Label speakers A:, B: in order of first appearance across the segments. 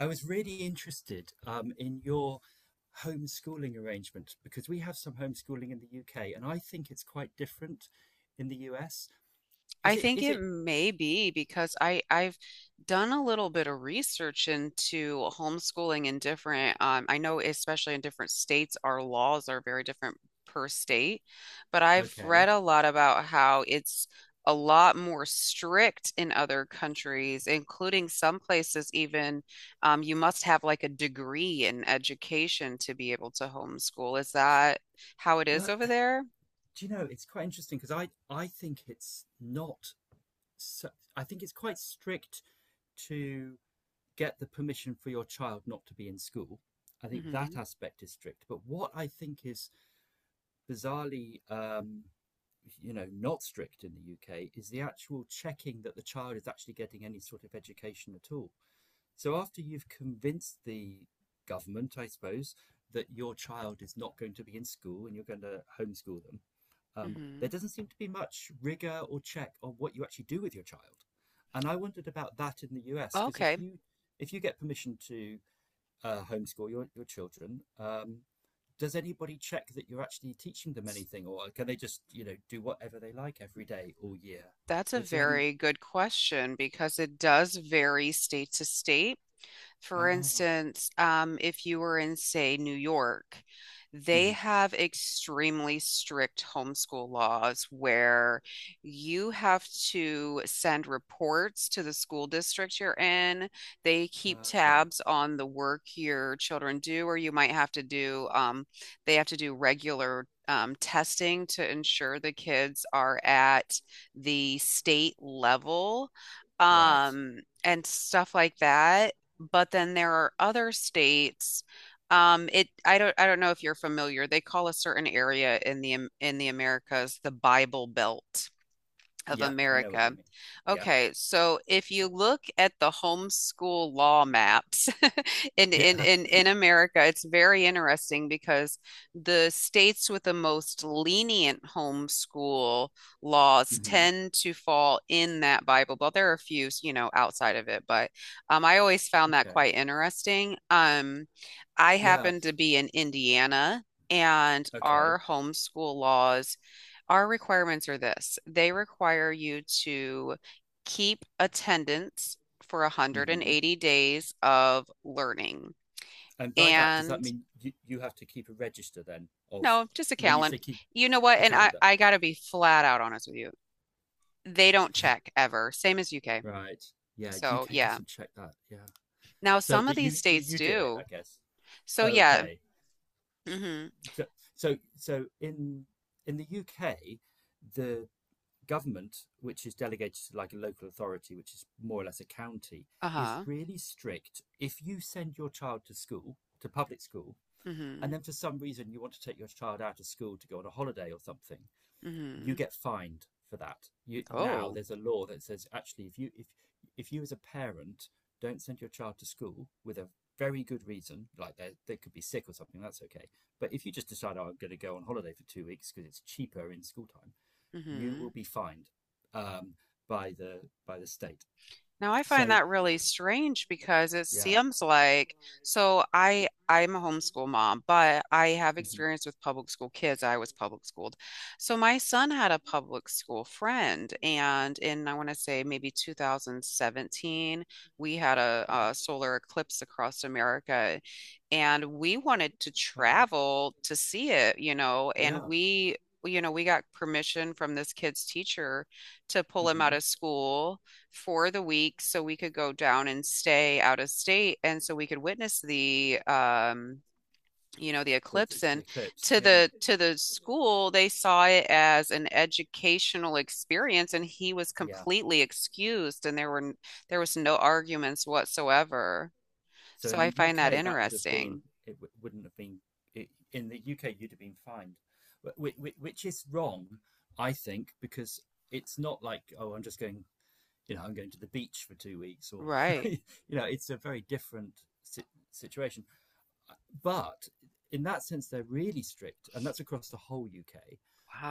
A: I was really interested in your homeschooling arrangement because we have some homeschooling in the UK, and I think it's quite different in the US. Is
B: I
A: it?
B: think
A: Is
B: it
A: it
B: may be because I've done a little bit of research into homeschooling in different I know especially in different states our laws are very different per state, but I've
A: okay?
B: read a lot about how it's a lot more strict in other countries, including some places even you must have like a degree in education to be able to homeschool. Is that how it is
A: Well,
B: over there?
A: do you know it's quite interesting because I think it's not. So, I think it's quite strict to get the permission for your child not to be in school. I think
B: Hmm.
A: that aspect is strict. But what I think is bizarrely not strict in the UK is the actual checking that the child is actually getting any sort of education at all. So after you've convinced the government, I suppose, that your child is not going to be in school and you're going to homeschool them, there
B: Hmm.
A: doesn't seem to be much rigor or check on what you actually do with your child. And I wondered about that in the US because if
B: Okay.
A: you if you get permission to homeschool your children, does anybody check that you're actually teaching them anything, or can they just do whatever they like every day all year?
B: That's a
A: Is there any?
B: very good question because it does vary state to state. For
A: Ah,
B: instance, if you were in, say, New York, they
A: mhm,
B: have extremely strict homeschool laws where you have to send reports to the school district you're in. They keep
A: okay,
B: tabs on the work your children do, or you might have to do, they have to do regular testing to ensure the kids are at the state level
A: right.
B: um, and stuff like that, but then there are other states. It I don't know if you're familiar. They call a certain area in the Americas the Bible Belt of
A: Yeah, I know what
B: America.
A: you mean. Yeah,
B: Okay, so if you look at the homeschool law maps in, in
A: yeah,
B: in in America, it's very interesting because the states with the most lenient homeschool
A: yeah.
B: laws
A: hmm
B: tend to fall in that Bible Belt. There are a few, you know, outside of it, but I always found that
A: Okay,
B: quite interesting. I
A: yeah,
B: happen to be in Indiana, and
A: okay.
B: our homeschool laws our requirements are this. They require you to keep attendance for
A: hmm
B: 180 days of learning,
A: And by that, does
B: and
A: that mean you have to keep a register then of
B: no, just a
A: when you
B: calendar.
A: say keep
B: You know what?
A: a
B: And I,
A: calendar?
B: I gotta be flat out honest with you. They don't check ever, same as UK.
A: Right. Yeah,
B: So
A: UK
B: yeah.
A: doesn't check that. Yeah.
B: Now
A: So,
B: some of
A: but
B: these
A: you you,
B: states
A: you do it, I
B: do.
A: guess.
B: So yeah.
A: Okay.
B: Mm-hmm.
A: So, so in the UK, the government, which is delegated to like a local authority, which is more or less a county, is
B: Uh-huh.
A: really strict. If you send your child to school, to public school,
B: Mm-hmm.
A: and then for some reason you want to take your child out of school to go on a holiday or something, you
B: Mm-hmm.
A: get fined for that. You, now
B: Oh.
A: there's a law that says actually, if you as a parent don't send your child to school with a very good reason, like they could be sick or something, that's okay. But if you just decide, oh, I'm going to go on holiday for 2 weeks because it's cheaper in school time, you
B: Mm-hmm.
A: will be fined um, by the state.
B: Now I find
A: So,
B: that really strange because it
A: yeah.
B: seems like so I'm a homeschool mom, but I have
A: Mhm.
B: experience with public school kids. I was public schooled. So my son had a public school friend, and in I want to say maybe 2017 we had a solar eclipse across America and we wanted to
A: Wow,
B: travel to see it, you know, and
A: yeah.
B: we we got permission from this kid's teacher to pull him out
A: hmm
B: of school for the week so we could go down and stay out of state and so we could witness the the
A: the, the,
B: eclipse.
A: the
B: And
A: eclipse, yeah,
B: to the school they saw it as an educational experience and he was
A: yeah.
B: completely excused, and there was no arguments whatsoever,
A: So
B: so
A: in
B: I
A: the
B: find that
A: UK, that would have been
B: interesting.
A: wouldn't have been it, in the UK. You'd have been fined, Wh- which is wrong, I think, because it's not like oh, I'm just going. You know, I'm going to the beach for 2 weeks, or
B: Right.
A: you know, it's a very different situation. But in that sense, they're really strict, and that's across the whole UK.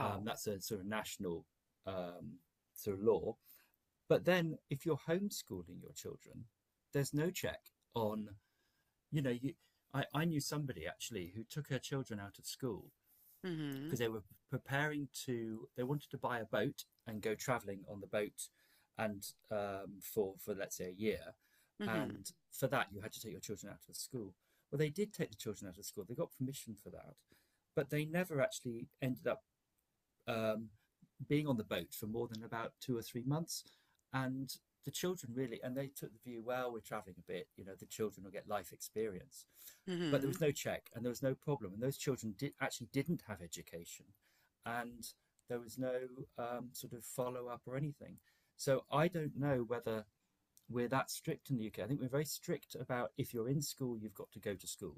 A: That's a sort of national um, sort of law. But then, if you're homeschooling your children, there's no check on you know, you, I knew somebody actually who took her children out of school
B: Mm-hmm.
A: because they were preparing to, they wanted to buy a boat and go traveling on the boat and for let's say a year.
B: Mm-hmm.
A: And for that, you had to take your children out of the school. Well, they did take the children out of school. They got permission for that, but they never actually ended up um, being on the boat for more than about 2 or 3 months. And the children really, and they took the view, well, we're traveling a bit, you know, the children will get life experience. But there
B: Mm-hmm.
A: was no check and there was no problem. And those children did, actually didn't have education. And there was no sort of follow up or anything. So I don't know whether we're that strict in the UK. I think we're very strict about if you're in school, you've got to go to school.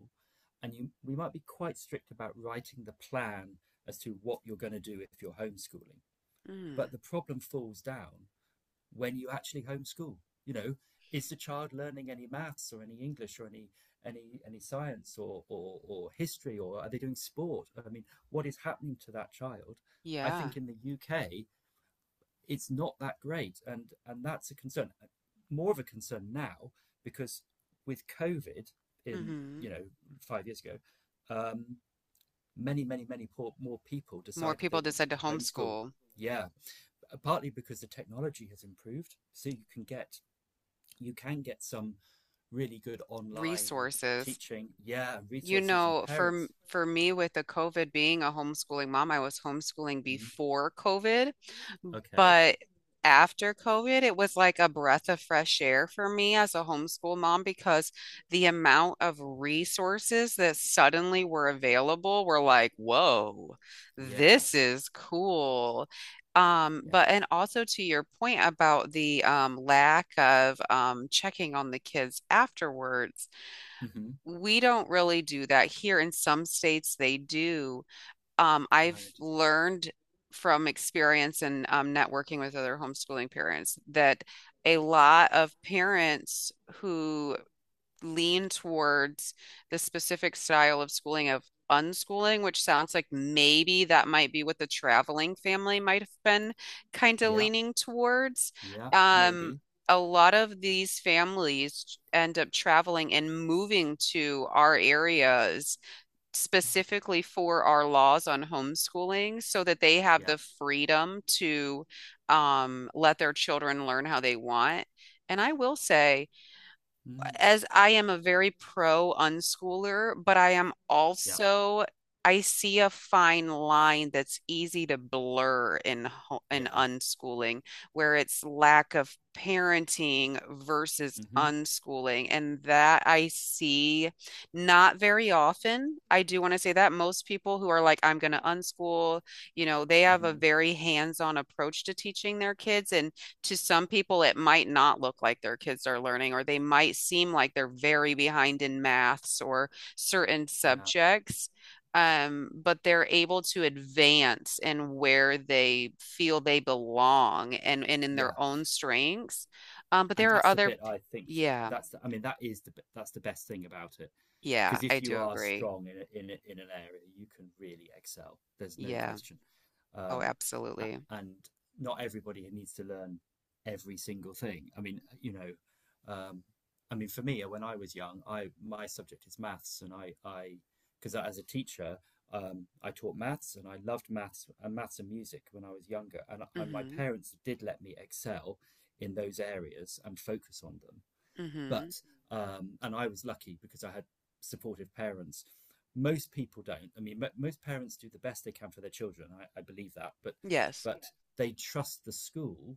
A: And you, we might be quite strict about writing the plan as to what you're going to do if you're homeschooling.
B: Mm-hmm.
A: But the problem falls down when you actually homeschool. You know, is the child learning any maths or any English or any science or or history or are they doing sport? I mean, what is happening to that child? I
B: Yeah.
A: think in the UK it's not that great, and that's a concern. More of a concern now because with COVID in you
B: Mm-hmm.
A: know 5 years ago, um, many more people
B: More
A: decided they
B: people decide
A: wanted
B: to
A: to homeschool.
B: homeschool.
A: Yeah, partly because the technology has improved. So you can get some really good online
B: Resources.
A: teaching. Yeah,
B: You
A: resources and
B: know, for
A: parents.
B: for me with the COVID being a homeschooling mom, I was homeschooling
A: Mm,
B: before COVID,
A: okay.
B: but after COVID, it was like a breath of fresh air for me as a homeschool mom because the amount of resources that suddenly were available were like, whoa,
A: Yeah.
B: this is cool.
A: Yeah.
B: But and also to your point about the lack of checking on the kids afterwards,
A: hmm
B: we don't really do that here. In some states they do. I've
A: Right.
B: learned from experience and networking with other homeschooling parents that a lot of parents who lean towards the specific style of schooling of unschooling, which sounds like maybe that might be what the traveling family might have been kind of
A: Yeah.
B: leaning towards.
A: Yeah.
B: Um,
A: Maybe.
B: a lot of these families end up traveling and moving to our areas
A: Uh,
B: specifically for our laws on homeschooling so that they have
A: yeah.
B: the freedom to let their children learn how they want. And I will say,
A: Mm,
B: as I am a very pro unschooler, but I am
A: yeah.
B: also I see a fine line that's easy to blur in in
A: Yeah.
B: unschooling, where it's lack of parenting versus
A: hmm
B: unschooling, and that I see not very often. I do want to say that most people who are like, I'm going to unschool, you know, they have a
A: hmm
B: very hands-on approach to teaching their kids, and to some people, it might not look like their kids are learning, or they might seem like they're very behind in maths or certain
A: Yeah.
B: subjects. But they're able to advance in where they feel they belong, and in their
A: Yeah.
B: own strengths. But
A: And
B: there are
A: that's the
B: other,
A: bit
B: p-
A: I think
B: Yeah,
A: that's the, I mean that is the that's the best thing about it,
B: yeah,
A: because
B: I
A: if you
B: do
A: are
B: agree.
A: strong in an area, you can really excel. There's no
B: Yeah.
A: question,
B: Oh,
A: um,
B: absolutely.
A: and not everybody needs to learn every single thing. I mean, you know, um, I mean, for me, when I was young, I my subject is maths, and I because as a teacher, I taught maths, and I loved maths and maths and music when I was younger, and my
B: Mm-hmm.
A: parents did let me excel in those areas and focus on them
B: Mm-hmm.
A: but and I was lucky because I had supportive parents. Most people don't. I mean, most parents do the best they can for their children. I believe that,
B: Yes.
A: but yeah, they trust the school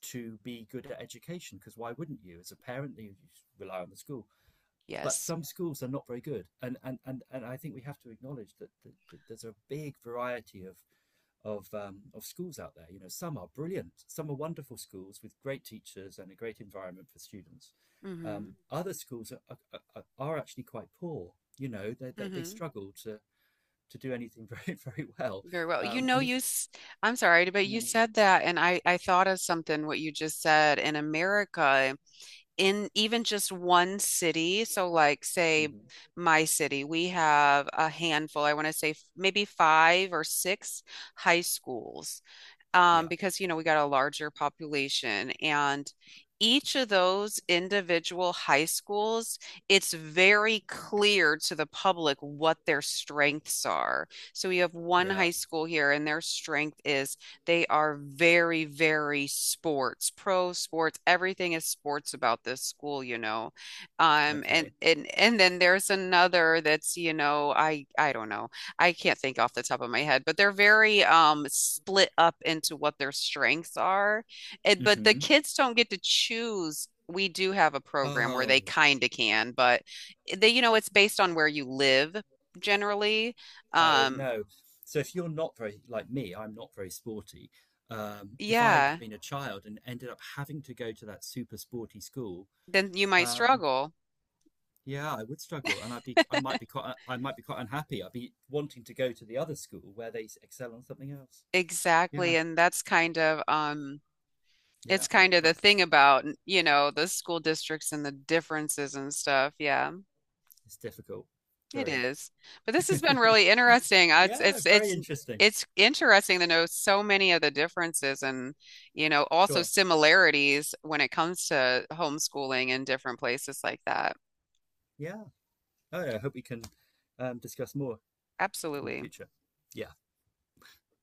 A: to be good at education because why wouldn't you as a parent you rely on the school but
B: Yes.
A: some schools are not very good and and I think we have to acknowledge that there's a big variety of schools out there. You know, some are brilliant, some are wonderful schools with great teachers and a great environment for students.
B: Mm-hmm.
A: Other schools are actually quite poor. You know, they
B: Mm-hmm.
A: struggle to do anything very well.
B: Very well. You know,
A: And if
B: you,
A: you,
B: s- I'm sorry, but you said that, and I thought of something what you just said in America, in even just one city. So, like, say
A: mhm,
B: my city, we have a handful, I want to say maybe five or six high schools
A: yeah,
B: because you know we got a larger population, and each of those individual high schools, it's very clear to the public what their strengths are. So we have one
A: yeah,
B: high school here, and their strength is they are very, very sports, pro sports. Everything is sports about this school, you know. And
A: okay,
B: and and then there's another that's, you know, I don't know. I can't think off the top of my head, but they're very split up into what their strengths are. And, but the
A: hmm
B: kids don't get to choose. We do have a program where
A: oh,
B: they kind of can, but they, you know, it's based on where you live generally.
A: oh
B: Um,
A: no. So if you're not very like me, I'm not very sporty. If I'd
B: yeah,
A: been a child and ended up having to go to that super sporty school,
B: then you might
A: um,
B: struggle.
A: yeah, I would struggle, and I might be quite, I might be quite unhappy. I'd be wanting to go to the other school where they excel on something else.
B: Exactly.
A: Yeah,
B: And that's kind of
A: yeah,
B: it's kind of the
A: that's
B: thing about, you know, the school districts and the differences and stuff. Yeah.
A: it's difficult.
B: It
A: Very,
B: is. But this has been really interesting. It's
A: yeah,
B: it's
A: very
B: it's
A: interesting.
B: it's interesting to know so many of the differences and, you know, also
A: Sure.
B: similarities when it comes to homeschooling in different places like that.
A: Yeah. Oh, yeah, I hope we can discuss more in the
B: Absolutely.
A: future. Yeah.